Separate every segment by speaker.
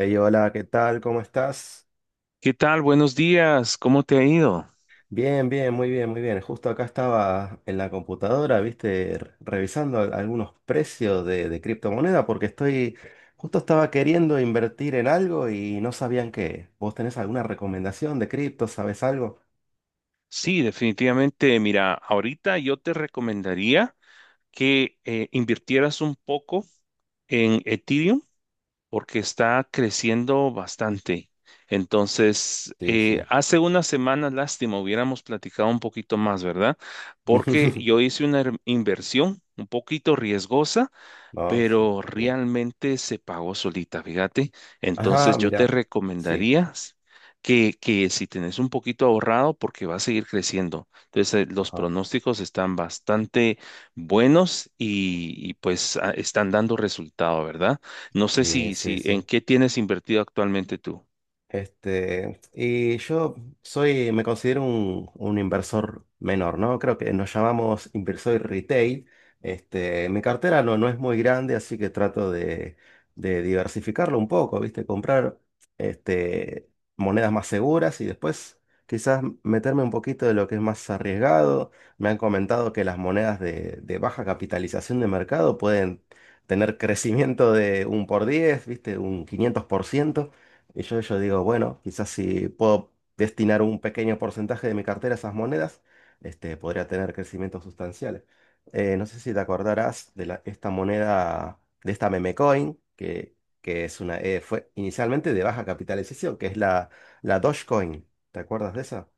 Speaker 1: Ey, hola, ¿qué tal? ¿Cómo estás?
Speaker 2: ¿Qué tal? Buenos días. ¿Cómo te ha ido?
Speaker 1: Bien, bien, muy bien, muy bien. Justo acá estaba en la computadora, viste, revisando algunos precios de criptomoneda porque justo estaba queriendo invertir en algo y no sabían qué. ¿Vos tenés alguna recomendación de cripto? ¿Sabes algo?
Speaker 2: Sí, definitivamente. Mira, ahorita yo te recomendaría que invirtieras un poco en Ethereum porque está creciendo bastante. Entonces,
Speaker 1: Sí, sí.
Speaker 2: hace una semana, lástima, hubiéramos platicado un poquito más, ¿verdad? Porque yo hice una inversión un poquito riesgosa
Speaker 1: No, sí,
Speaker 2: pero
Speaker 1: sí.
Speaker 2: realmente se pagó solita, fíjate.
Speaker 1: Ajá,
Speaker 2: Entonces yo te
Speaker 1: mira. Sí.
Speaker 2: recomendaría que si tenés un poquito ahorrado, porque va a seguir creciendo. Entonces los
Speaker 1: Ajá.
Speaker 2: pronósticos están bastante buenos y, pues están dando resultado, ¿verdad? No sé
Speaker 1: Sí,
Speaker 2: si,
Speaker 1: sí,
Speaker 2: si en
Speaker 1: sí.
Speaker 2: qué tienes invertido actualmente tú.
Speaker 1: Este, y me considero un inversor menor, ¿no? Creo que nos llamamos inversor retail. Este, mi cartera no es muy grande, así que trato de diversificarlo un poco, ¿viste? Comprar este, monedas más seguras y después quizás meterme un poquito de lo que es más arriesgado. Me han comentado que las monedas de baja capitalización de mercado pueden tener crecimiento de un por diez, ¿viste? Un 500%. Y yo digo, bueno, quizás si puedo destinar un pequeño porcentaje de mi cartera a esas monedas, este, podría tener crecimientos sustanciales. No sé si te acordarás de esta moneda, de esta meme coin, que fue inicialmente de baja capitalización, que es la Dogecoin. ¿Te acuerdas de esa?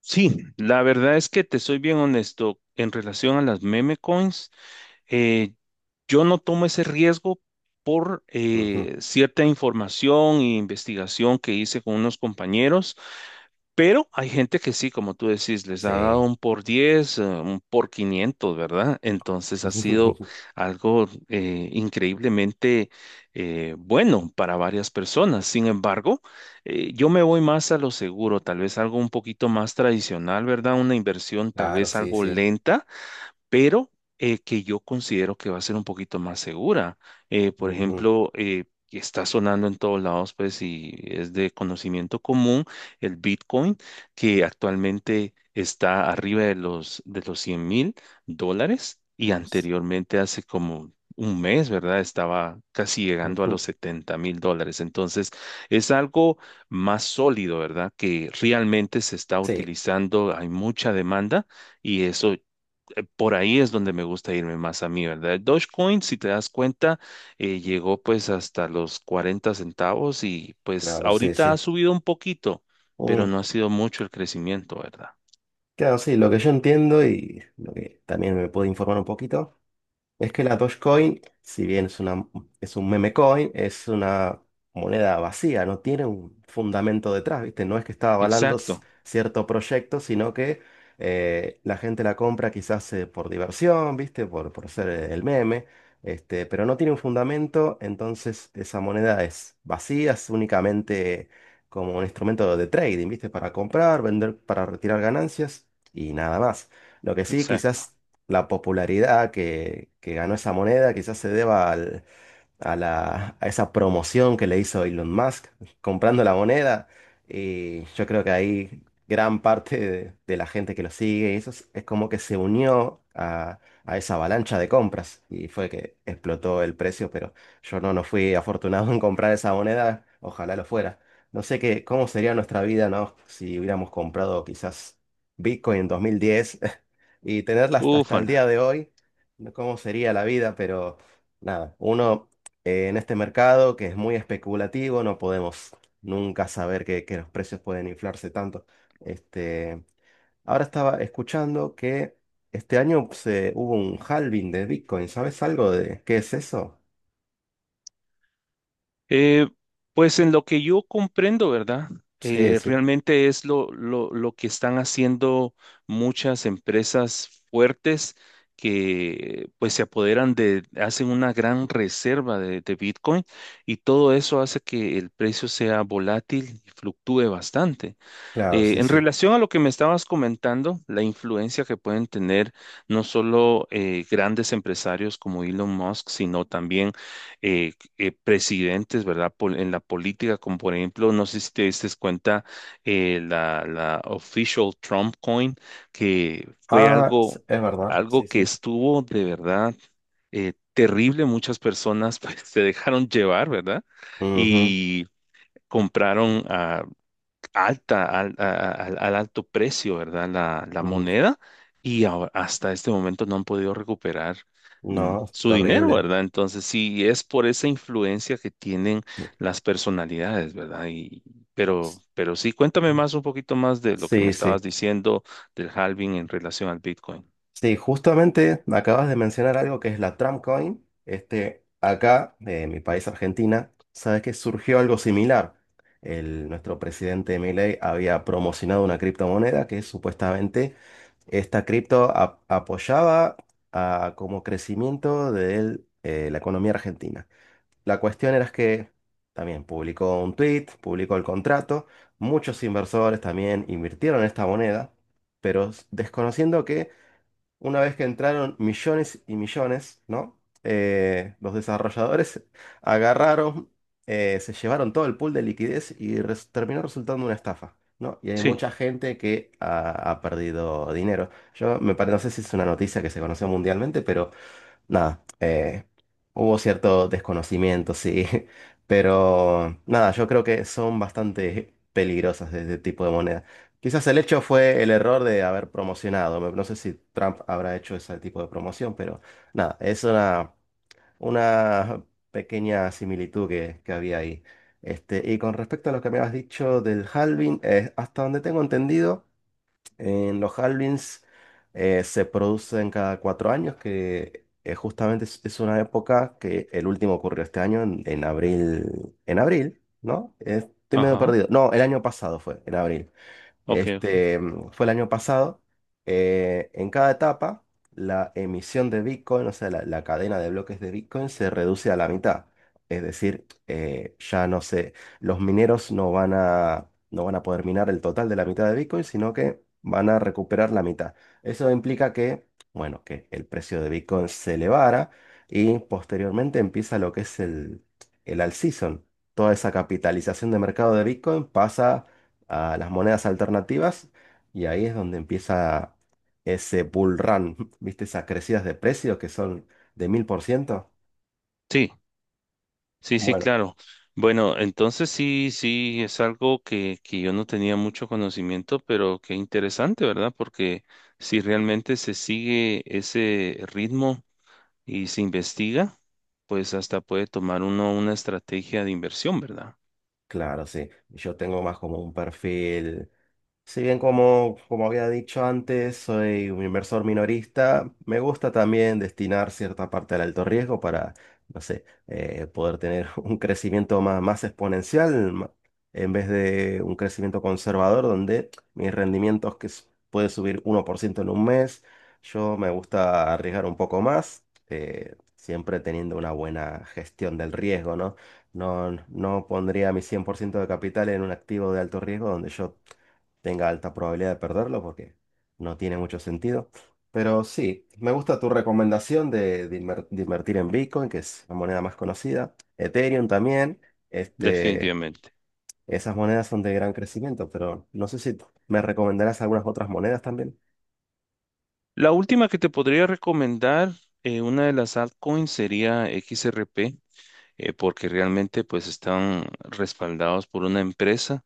Speaker 2: Sí, la verdad es que te soy bien honesto. En relación a las meme coins, eh, Yo no tomo ese riesgo por
Speaker 1: Ujú.
Speaker 2: cierta información e investigación que hice con unos compañeros, pero hay gente que sí, como tú decís, les ha dado
Speaker 1: Sí.
Speaker 2: un por 10, un por 500, ¿verdad? Entonces ha sido algo increíblemente bueno para varias personas. Sin embargo, yo me voy más a lo seguro, tal vez algo un poquito más tradicional, ¿verdad? Una inversión tal
Speaker 1: Claro,
Speaker 2: vez
Speaker 1: sí,
Speaker 2: algo
Speaker 1: sí.
Speaker 2: lenta pero que yo considero que va a ser un poquito más segura. Por
Speaker 1: Ujú,
Speaker 2: ejemplo, está sonando en todos lados, pues, y es de conocimiento común el Bitcoin, que actualmente está arriba de los 100.000 dólares y anteriormente hace como un mes, ¿verdad? Estaba casi llegando a los
Speaker 1: ujú.
Speaker 2: 70.000 dólares. Entonces, es algo más sólido, ¿verdad? Que realmente se está
Speaker 1: Sí,
Speaker 2: utilizando, hay mucha demanda y eso. Por ahí es donde me gusta irme más a mí, ¿verdad? Dogecoin, si te das cuenta, llegó pues hasta los 40 centavos y pues
Speaker 1: claro, sí,
Speaker 2: ahorita ha
Speaker 1: sí.
Speaker 2: subido un poquito, pero
Speaker 1: Mm.
Speaker 2: no ha sido mucho el crecimiento, ¿verdad?
Speaker 1: Claro, sí, lo que yo entiendo y lo que también me puedo informar un poquito. Es que la Dogecoin, si bien es un meme coin, es una moneda vacía, no tiene un fundamento detrás, ¿viste? No es que está avalando
Speaker 2: Exacto,
Speaker 1: cierto proyecto, sino que la gente la compra quizás por diversión, ¿viste? Por ser el meme, este, pero no tiene un fundamento, entonces esa moneda es vacía, es únicamente como un instrumento de trading, ¿viste? Para comprar, vender, para retirar ganancias y nada más. Lo que sí,
Speaker 2: exacto.
Speaker 1: quizás la popularidad que ganó esa moneda quizás se deba a esa promoción que le hizo Elon Musk comprando la moneda. Y yo creo que ahí gran parte de la gente que lo sigue, y eso es como que se unió a esa avalancha de compras y fue que explotó el precio, pero yo no fui afortunado en comprar esa moneda, ojalá lo fuera. No sé qué, cómo sería nuestra vida, ¿no? Si hubiéramos comprado quizás Bitcoin en 2010 y tenerla hasta el día
Speaker 2: Ufala.
Speaker 1: de hoy, ¿no? ¿Cómo sería la vida? Pero nada, uno en este mercado que es muy especulativo, no podemos nunca saber que los precios pueden inflarse tanto. Este, ahora estaba escuchando que este año hubo un halving de Bitcoin. ¿Sabes algo de qué es eso?
Speaker 2: Eh, pues en lo que yo comprendo, ¿verdad?
Speaker 1: Sí,
Speaker 2: Eh,
Speaker 1: sí,
Speaker 2: realmente es lo que están haciendo muchas empresas fuertes que pues se apoderan de, hacen una gran reserva de Bitcoin y todo eso hace que el precio sea volátil y fluctúe bastante.
Speaker 1: claro,
Speaker 2: Eh,
Speaker 1: sí,
Speaker 2: en
Speaker 1: sí.
Speaker 2: relación a lo que me estabas comentando, la influencia que pueden tener no solo grandes empresarios como Elon Musk, sino también presidentes, ¿verdad? En la política, como por ejemplo, no sé si te diste cuenta, la official Trump coin, que fue
Speaker 1: Ah,
Speaker 2: algo,
Speaker 1: es verdad, sí,
Speaker 2: algo que
Speaker 1: sí.
Speaker 2: estuvo de verdad terrible. Muchas personas pues, se dejaron llevar, ¿verdad?
Speaker 1: Ujú.
Speaker 2: Y compraron, alta, al, a- al- alto precio, ¿verdad? La
Speaker 1: Mm.
Speaker 2: moneda y hasta este momento no han podido recuperar
Speaker 1: No, es
Speaker 2: su dinero,
Speaker 1: terrible.
Speaker 2: ¿verdad? Entonces, sí, es por esa influencia que tienen las personalidades, ¿verdad? Pero sí, cuéntame más un poquito más de lo que me
Speaker 1: Sí,
Speaker 2: estabas
Speaker 1: sí.
Speaker 2: diciendo del halving en relación al Bitcoin.
Speaker 1: Sí, justamente acabas de mencionar algo que es la Tramcoin. Este, acá, de mi país, Argentina, sabes que surgió algo similar. Nuestro presidente Milei había promocionado una criptomoneda que supuestamente esta cripto apoyaba como crecimiento de la economía argentina. La cuestión era que también publicó un tweet, publicó el contrato. Muchos inversores también invirtieron en esta moneda, pero desconociendo que una vez que entraron millones y millones, ¿no? Los desarrolladores agarraron, se llevaron todo el pool de liquidez y terminó resultando una estafa, ¿no? Y hay
Speaker 2: Sí,
Speaker 1: mucha gente que ha perdido dinero. Yo me parece, no sé si es una noticia que se conoció mundialmente, pero nada, hubo cierto desconocimiento, sí, pero nada, yo creo que son bastante peligrosas de este tipo de moneda. Quizás el hecho fue el error de haber promocionado. No, no sé si Trump habrá hecho ese tipo de promoción, pero nada, es una pequeña similitud que había ahí. Este, y con respecto a lo que me has dicho del halving, hasta donde tengo entendido. En los halvings se producen cada 4 años, que justamente es una época que el último ocurrió este año, en abril, en abril, ¿no? Estoy medio
Speaker 2: ajá,
Speaker 1: perdido. No, el año pasado fue en abril.
Speaker 2: ok, ok.
Speaker 1: Este, fue el año pasado. En cada etapa, la emisión de Bitcoin, o sea, la cadena de bloques de Bitcoin se reduce a la mitad. Es decir, ya no sé, los mineros no van a poder minar el total de la mitad de Bitcoin, sino que van a recuperar la mitad. Eso implica que, bueno, que el precio de Bitcoin se elevara y posteriormente empieza lo que es el alt season. Toda esa capitalización de mercado de Bitcoin pasa a las monedas alternativas y ahí es donde empieza ese bull run, ¿viste? Esas crecidas de precios que son de 1000%.
Speaker 2: Sí. Sí, sí,
Speaker 1: Bueno,
Speaker 2: claro. Bueno, entonces sí, sí, es algo que yo no tenía mucho conocimiento, pero qué interesante, ¿verdad? Porque si realmente se sigue ese ritmo y se investiga, pues hasta puede tomar uno una estrategia de inversión, ¿verdad?
Speaker 1: claro, sí. Yo tengo más como un perfil. Si bien como, como había dicho antes, soy un inversor minorista, me gusta también destinar cierta parte al alto riesgo para, no sé, poder tener un crecimiento más exponencial en vez de un crecimiento conservador donde mis rendimientos que puede subir 1% en un mes, yo me gusta arriesgar un poco más, siempre teniendo una buena gestión del riesgo, ¿no? No, no pondría mi 100% de capital en un activo de alto riesgo donde yo tenga alta probabilidad de perderlo porque no tiene mucho sentido. Pero sí, me gusta tu recomendación de invertir en Bitcoin, que es la moneda más conocida. Ethereum también. Este,
Speaker 2: Definitivamente.
Speaker 1: esas monedas son de gran crecimiento, pero no sé si me recomendarás algunas otras monedas también.
Speaker 2: La última que te podría recomendar, una de las altcoins sería XRP, porque realmente pues están respaldados por una empresa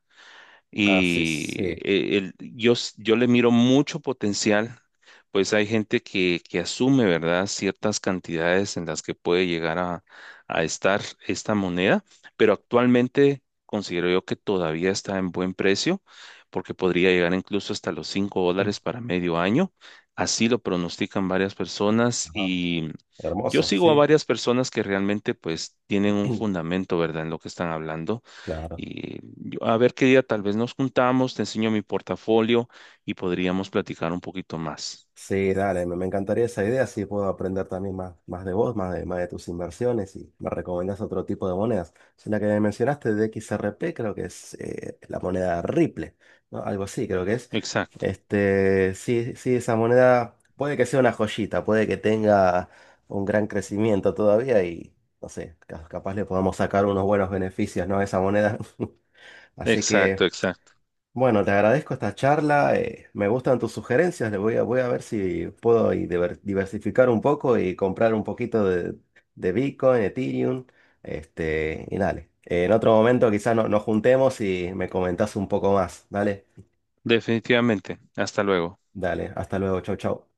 Speaker 1: Ah, sí,
Speaker 2: y
Speaker 1: sí.
Speaker 2: yo le miro mucho potencial, pues hay gente que asume, ¿verdad?, ciertas cantidades en las que puede llegar a estar esta moneda, pero actualmente considero yo que todavía está en buen precio, porque podría llegar incluso hasta los 5 dólares para medio año. Así lo pronostican varias personas
Speaker 1: Ajá,
Speaker 2: y yo
Speaker 1: hermoso,
Speaker 2: sigo a
Speaker 1: sí.
Speaker 2: varias personas que realmente pues tienen un fundamento, ¿verdad?, en lo que están hablando
Speaker 1: Claro.
Speaker 2: y a ver qué día tal vez nos juntamos, te enseño mi portafolio y podríamos platicar un poquito más.
Speaker 1: Sí, dale, me encantaría esa idea, así puedo aprender también más de vos, más de tus inversiones y me recomendás otro tipo de monedas. Es la que me mencionaste de XRP, creo que es la moneda Ripple, ¿no? Algo así, creo que es.
Speaker 2: Exacto,
Speaker 1: Este, sí, sí, esa moneda puede que sea una joyita, puede que tenga un gran crecimiento todavía y, no sé, capaz le podamos sacar unos buenos beneficios, ¿no? A esa moneda. Así
Speaker 2: exacto,
Speaker 1: que...
Speaker 2: exacto.
Speaker 1: Bueno, te agradezco esta charla. Me gustan tus sugerencias. Le voy a ver si puedo ahí diversificar un poco y comprar un poquito de Bitcoin, Ethereum. Este, y dale. En otro momento quizás nos juntemos y me comentás un poco más. Dale,
Speaker 2: Definitivamente. Hasta luego.
Speaker 1: dale. Hasta luego. Chau, chau.